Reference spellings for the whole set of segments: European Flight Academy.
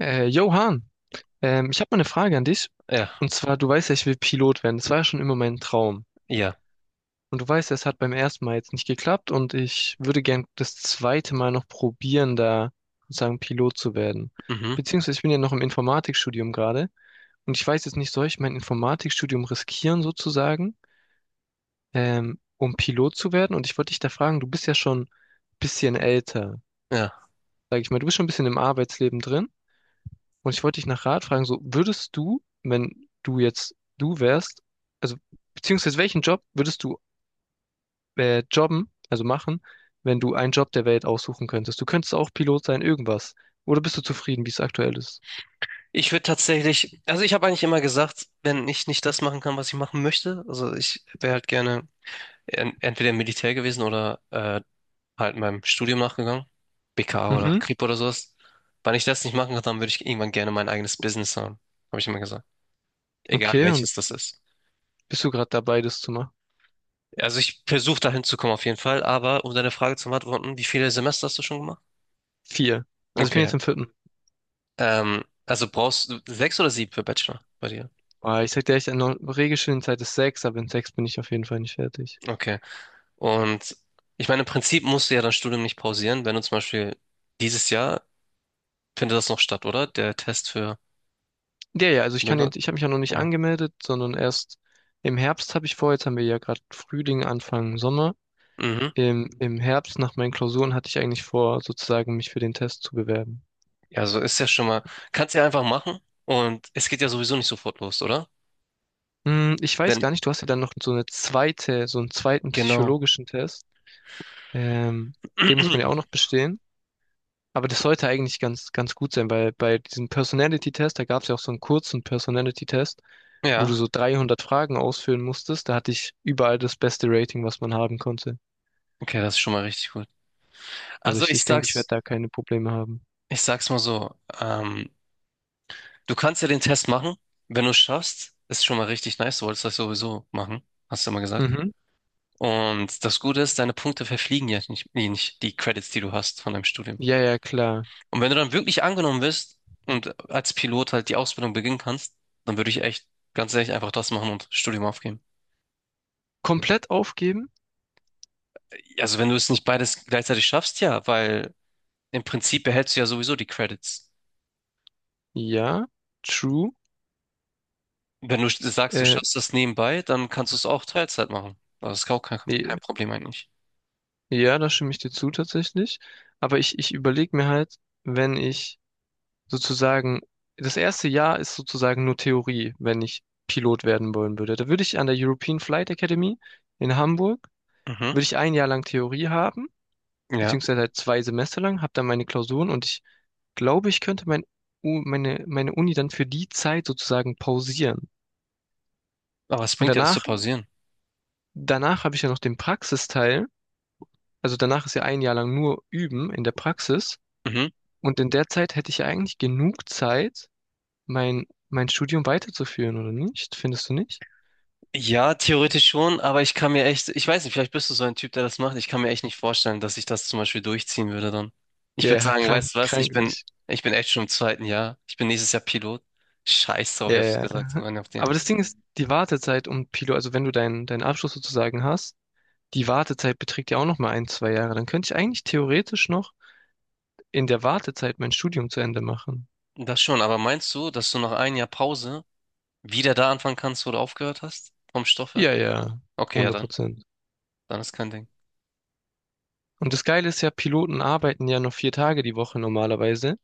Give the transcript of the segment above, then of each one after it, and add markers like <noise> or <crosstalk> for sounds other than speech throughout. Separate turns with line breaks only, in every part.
Johann, ich habe mal eine Frage an dich.
Ja,
Und zwar, du weißt ja, ich will Pilot werden. Das war ja schon immer mein Traum.
ja,
Und du weißt ja, es hat beim ersten Mal jetzt nicht geklappt und ich würde gern das zweite Mal noch probieren, da sozusagen Pilot zu werden.
mhm,
Beziehungsweise ich bin ja noch im Informatikstudium gerade und ich weiß jetzt nicht, soll ich mein Informatikstudium riskieren sozusagen, um Pilot zu werden? Und ich wollte dich da fragen, du bist ja schon ein bisschen älter,
ja.
sag ich mal, du bist schon ein bisschen im Arbeitsleben drin. Und ich wollte dich nach Rat fragen, so würdest du, wenn du jetzt du wärst, also beziehungsweise welchen Job würdest du jobben, also machen, wenn du einen Job der Welt aussuchen könntest? Du könntest auch Pilot sein, irgendwas. Oder bist du zufrieden, wie es aktuell ist?
Ich würde tatsächlich, also ich habe eigentlich immer gesagt, wenn ich nicht das machen kann, was ich machen möchte, also ich wäre halt gerne en entweder im Militär gewesen oder halt meinem Studium nachgegangen, BKA oder
Mhm.
Kripo oder sowas. Wenn ich das nicht machen kann, dann würde ich irgendwann gerne mein eigenes Business haben, habe ich immer gesagt. Egal
Okay, und
welches das ist.
bist du gerade dabei, das zu machen?
Also ich versuche dahin zu kommen auf jeden Fall, aber um deine Frage zu beantworten, wie viele Semester hast du schon gemacht?
Vier. Also ich bin
Okay.
jetzt im vierten.
Also brauchst du sechs oder sieben für Bachelor bei dir?
Boah, ich sag dir echt, eine Regelstudienzeit ist sechs, aber in sechs bin ich auf jeden Fall nicht fertig.
Okay. Und ich meine, im Prinzip musst du ja dein Studium nicht pausieren, wenn du zum Beispiel dieses Jahr findet das noch statt, oder? Der Test für
Ja, ja, also ich kann den,
Pinot,
ich habe mich ja noch nicht
genau.
angemeldet, sondern erst im Herbst habe ich vor, jetzt haben wir ja gerade Frühling, Anfang Sommer.
Mhm.
Im Herbst nach meinen Klausuren hatte ich eigentlich vor, sozusagen mich für den Test zu bewerben.
Ja, so ist ja schon mal. Kannst ja einfach machen und es geht ja sowieso nicht sofort los, oder?
Ich weiß
Wenn,
gar nicht, du hast ja dann noch so eine zweite, so einen zweiten
genau.
psychologischen Test. Ähm, Den muss man ja auch
<clears throat>
noch bestehen. Aber das sollte eigentlich ganz, ganz gut sein, weil bei diesem Personality-Test, da gab es ja auch so einen kurzen Personality-Test, wo du
Ja,
so 300 Fragen ausfüllen musstest. Da hatte ich überall das beste Rating, was man haben konnte.
okay, das ist schon mal richtig gut.
Also
Also
ich, ich denke, ich werde da keine Probleme haben.
ich sag's mal so, du kannst ja den Test machen, wenn du es schaffst, ist schon mal richtig nice, du wolltest das sowieso machen, hast du immer gesagt.
Mhm.
Und das Gute ist, deine Punkte verfliegen ja nicht, nee, nicht die Credits, die du hast von deinem Studium.
Ja, ja, klar.
Und wenn du dann wirklich angenommen wirst und als Pilot halt die Ausbildung beginnen kannst, dann würde ich echt ganz ehrlich einfach das machen und Studium aufgeben.
Komplett aufgeben?
Also wenn du es nicht beides gleichzeitig schaffst, ja, weil im Prinzip behältst du ja sowieso die Credits.
Ja. True.
Wenn du sagst, du
Äh,
schaffst das nebenbei, dann kannst du es auch Teilzeit machen. Das ist auch kein
i-
Problem eigentlich.
ja, da stimme ich dir zu tatsächlich. Aber ich überlege mir halt, wenn ich sozusagen, das erste Jahr ist sozusagen nur Theorie, wenn ich Pilot werden wollen würde. Da würde ich an der European Flight Academy in Hamburg,
Mhm,
würde ich ein Jahr lang Theorie haben,
ja,
beziehungsweise halt 2 Semester lang, habe dann meine Klausuren und ich glaube, ich könnte meine Uni dann für die Zeit sozusagen pausieren.
aber es
Und
bringt ja, das zu
danach,
pausieren.
danach habe ich ja noch den Praxisteil. Also danach ist ja ein Jahr lang nur Üben in der Praxis.
Mhm.
Und in der Zeit hätte ich ja eigentlich genug Zeit, mein Studium weiterzuführen, oder nicht? Findest du nicht?
Ja, theoretisch schon, aber ich kann mir echt, ich weiß nicht, vielleicht bist du so ein Typ, der das macht. Ich kann mir echt nicht vorstellen, dass ich das zum Beispiel durchziehen würde dann. Ich
Ja,
würde
ja,
sagen,
krank,
weißt du was,
krank nicht.
ich bin echt schon im zweiten Jahr. Ich bin nächstes Jahr Pilot. Scheiß drauf,
Ja,
hätte ich
ja, ja.
gesagt, so
<laughs>
rein auf den.
Aber das Ding ist, die Wartezeit also wenn du deinen Abschluss sozusagen hast, die Wartezeit beträgt ja auch noch mal ein, zwei Jahre. Dann könnte ich eigentlich theoretisch noch in der Wartezeit mein Studium zu Ende machen.
Das schon, aber meinst du, dass du nach einem Jahr Pause wieder da anfangen kannst, wo du aufgehört hast? Vom Stoff her?
Ja, ja,
Okay, ja
hundert
dann.
Prozent.
Dann ist kein Ding.
Und das Geile ist ja, Piloten arbeiten ja noch 4 Tage die Woche normalerweise.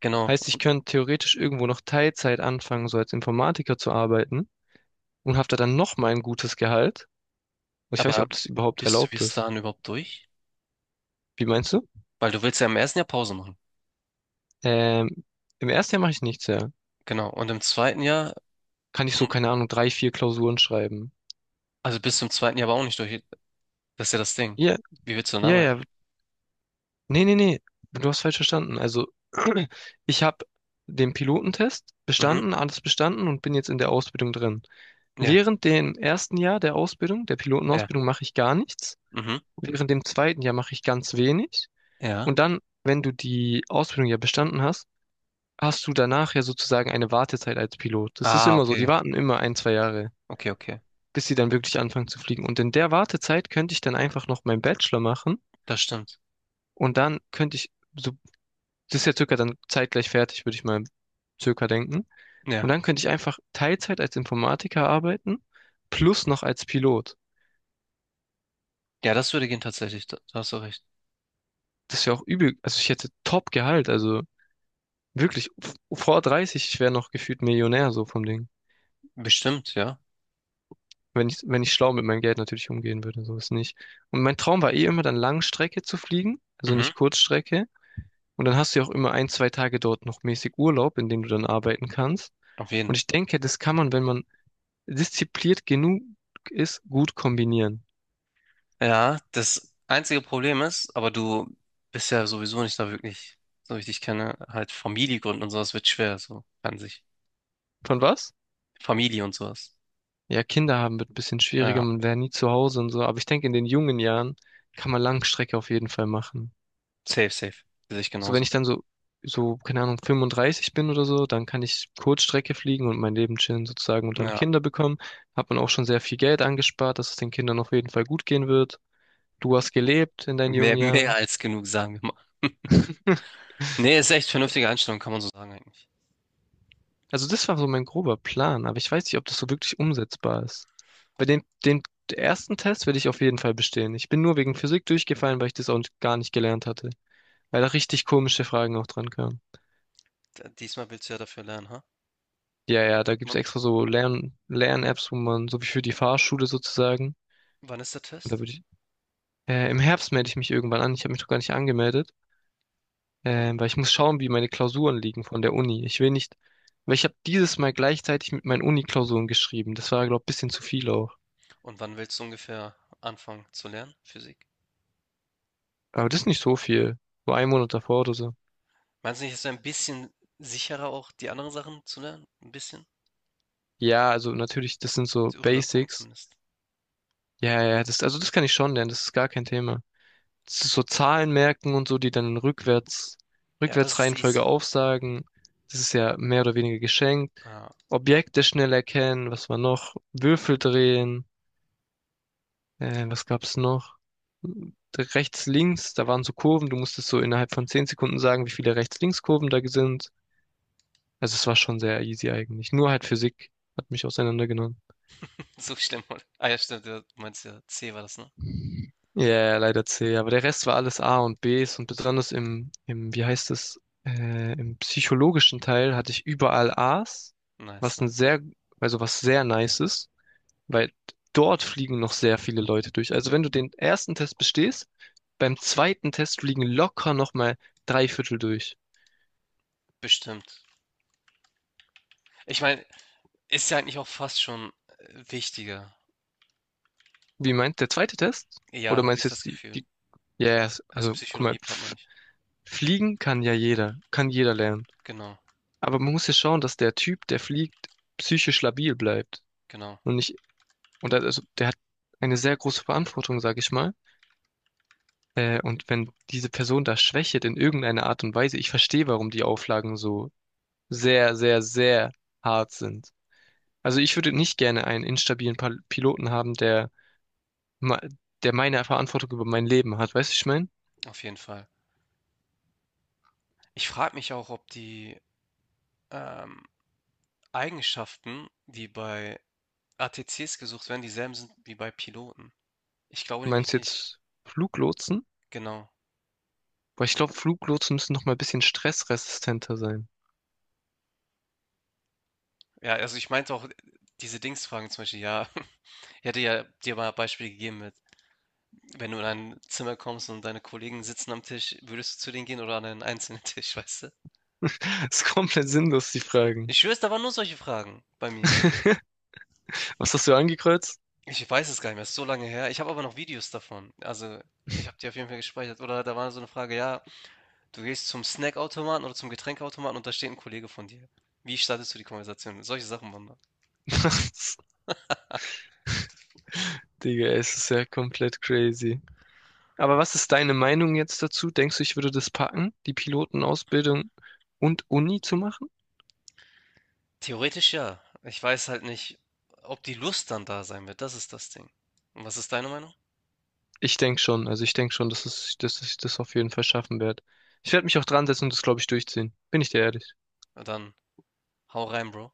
Genau.
Heißt, ich könnte theoretisch irgendwo noch Teilzeit anfangen, so als Informatiker zu arbeiten, und haftet dann nochmal ein gutes Gehalt. Und ich weiß nicht,
Aber
ob das überhaupt
bist du
erlaubt
bis
ist.
dahin überhaupt durch?
Wie meinst du?
Weil du willst ja im ersten Jahr Pause machen.
Ähm, Im ersten Jahr mache ich nichts, ja.
Genau. Und im zweiten Jahr,
Kann ich so, keine Ahnung, drei, vier Klausuren schreiben.
also bis zum zweiten Jahr aber auch nicht durch. Das ist ja das Ding.
Ja,
Wie willst du denn
ja,
arbeiten?
ja. Nee, nee, nee. Du hast falsch verstanden. Also, <clears throat> ich habe den Pilotentest
Mhm.
bestanden, alles bestanden und bin jetzt in der Ausbildung drin.
Ja,
Während dem ersten Jahr der Ausbildung, der
ja,
Pilotenausbildung, mache ich gar nichts.
mhm.
Während dem zweiten Jahr mache ich ganz wenig.
Ja.
Und dann, wenn du die Ausbildung ja bestanden hast, hast du danach ja sozusagen eine Wartezeit als Pilot. Das ist
Ah,
immer so, die
okay.
warten immer ein, zwei Jahre,
Okay, okay.
bis sie dann wirklich anfangen zu fliegen. Und in der Wartezeit könnte ich dann einfach noch meinen Bachelor machen
Das stimmt.
und dann könnte ich, so, das ist ja circa dann zeitgleich fertig, würde ich mal circa denken. Und
Ja.
dann könnte ich einfach Teilzeit als Informatiker arbeiten, plus noch als Pilot.
Ja, das würde gehen tatsächlich. Da, da hast du recht.
Das ist ja auch übel, also ich hätte Top-Gehalt, also wirklich, vor 30, ich wäre noch gefühlt Millionär so vom Ding.
Bestimmt, ja.
Wenn ich schlau mit meinem Geld natürlich umgehen würde, so ist nicht. Und mein Traum war eh immer dann Langstrecke zu fliegen, also
Mhm.
nicht Kurzstrecke. Und dann hast du ja auch immer ein, zwei Tage dort noch mäßig Urlaub, in dem du dann arbeiten kannst.
Auf jeden.
Und ich denke, das kann man, wenn man diszipliniert genug ist, gut kombinieren.
Ja, das einzige Problem ist, aber du bist ja sowieso nicht da wirklich, so wie ich dich kenne, halt Familie gründen und sowas wird schwer, so an sich.
Von was?
Familie und sowas.
Ja, Kinder haben wird ein bisschen schwieriger,
Ja,
man wäre nie zu Hause und so. Aber ich denke, in den jungen Jahren kann man Langstrecke auf jeden Fall machen.
safe, safe. Sehe ich
So, wenn
genauso.
ich dann keine Ahnung, 35 bin oder so, dann kann ich Kurzstrecke fliegen und mein Leben chillen sozusagen und dann
Ja,
Kinder bekommen. Hat man auch schon sehr viel Geld angespart, dass es den Kindern auf jeden Fall gut gehen wird. Du hast gelebt in deinen jungen
mehr, mehr
Jahren.
als genug, sagen wir mal.
<laughs>
Nee, ist echt vernünftige Einstellung, kann man so sagen eigentlich.
Also das war so mein grober Plan, aber ich weiß nicht, ob das so wirklich umsetzbar ist. Bei dem ersten Test werde ich auf jeden Fall bestehen. Ich bin nur wegen Physik durchgefallen, weil ich das auch gar nicht gelernt hatte. Weil da richtig komische Fragen auch dran kamen.
D- Diesmal willst du ja dafür lernen, ha?
Ja, ja, da gibt's
W
extra so Lern-Apps, wo man, so wie für die Fahrschule sozusagen.
wann ist der
Und da
Test?
würde ich, im Herbst melde ich mich irgendwann an. Ich habe mich noch gar nicht angemeldet,
Um,
weil ich muss schauen, wie meine Klausuren liegen von der Uni. Ich will nicht, weil ich habe dieses Mal gleichzeitig mit meinen Uni-Klausuren geschrieben. Das war, glaube ich, ein bisschen zu viel auch.
und wann willst du ungefähr anfangen zu lernen, Physik?
Aber das ist nicht so viel. So ein Monat davor oder so.
Meinst du nicht, es wäre ein bisschen sicherer, auch die anderen Sachen zu lernen? Ein bisschen?
Ja, also natürlich, das sind so
Rüber gucken
Basics.
zumindest.
Ja, ja, das, also das kann ich schon lernen. Das ist gar kein Thema. So Zahlen merken und so, die dann rückwärts,
Ja, das ist
Rückwärtsreihenfolge
easy.
aufsagen. Das ist ja mehr oder weniger geschenkt.
Ah,
Objekte schnell erkennen, was war noch? Würfel drehen, was gab's noch? Rechts, links, da waren so Kurven, du musstest so innerhalb von 10 Sekunden sagen, wie viele Rechts-Links-Kurven da sind. Also es war schon sehr easy eigentlich. Nur halt Physik hat mich auseinandergenommen.
<laughs> so schlimm, oder? Ah ja, stimmt, du meinst ja, C war das, ne?
Ja, ja, leider C, aber der Rest war alles A und Bs und besonders im, im, wie heißt es, im psychologischen Teil hatte ich überall As,
Nice,
was ein
nice.
sehr, also was sehr nice ist, weil dort fliegen noch sehr viele Leute durch. Also wenn du den ersten Test bestehst, beim zweiten Test fliegen locker nochmal drei Viertel durch.
Bestimmt. Ich meine, ist ja eigentlich auch fast schon wichtiger.
Wie meint der zweite Test? Oder
Ja, habe
meinst
ich
du
das
jetzt
Gefühl.
ja, yes,
Also
also guck mal,
Psychologie-Part meine ich.
fliegen kann ja jeder, kann jeder lernen.
Genau,
Aber man muss ja schauen, dass der Typ, der fliegt, psychisch labil bleibt.
genau,
Und nicht, und also, der hat eine sehr große Verantwortung, sag ich mal. Und wenn diese Person da schwächelt in irgendeiner Art und Weise, ich verstehe, warum die Auflagen so sehr, sehr, sehr hart sind. Also ich würde nicht gerne einen instabilen Piloten haben, der, ma- der meine Verantwortung über mein Leben hat. Weißt du, ich meine?
auf jeden Fall. Ich frage mich auch, ob die ähm, Eigenschaften, die bei ATCs gesucht werden, dieselben sind wie bei Piloten. Ich glaube
Du
nämlich
meinst
nicht.
jetzt Fluglotsen?
Genau.
Weil ich glaube, Fluglotsen müssen noch mal ein bisschen stressresistenter sein.
Ja, also ich meinte auch diese Dingsfragen zum Beispiel, ja, <laughs> ich hätte ja dir mal Beispiele gegeben mit, wenn du in ein Zimmer kommst und deine Kollegen sitzen am Tisch, würdest du zu denen gehen oder an einen einzelnen <laughs> Tisch, weißt du?
<laughs> Das ist komplett sinnlos, die Fragen.
Ich schwöre, da waren nur solche Fragen bei mir.
<laughs> Was hast du angekreuzt?
Ich weiß es gar nicht mehr, ist so lange her. Ich habe aber noch Videos davon. Also, ich habe die auf jeden Fall gespeichert. Oder da war so eine Frage, ja, du gehst zum Snackautomaten oder zum Getränkeautomaten und da steht ein Kollege von dir. Wie startest du die Konversation? Solche Sachen waren da.
<laughs> Digga, es ist ja komplett crazy. Aber was ist deine Meinung jetzt dazu? Denkst du, ich würde das packen, die Pilotenausbildung und Uni zu machen?
Theoretisch ja. Ich weiß halt nicht, ob die Lust dann da sein wird. Das ist das Ding. Und was ist deine Meinung?
Ich denke schon. Also ich denke schon, dass es, dass ich das auf jeden Fall schaffen werde. Ich werde mich auch dran setzen und das, glaube ich, durchziehen. Bin ich dir ehrlich.
Na dann hau rein, Bro.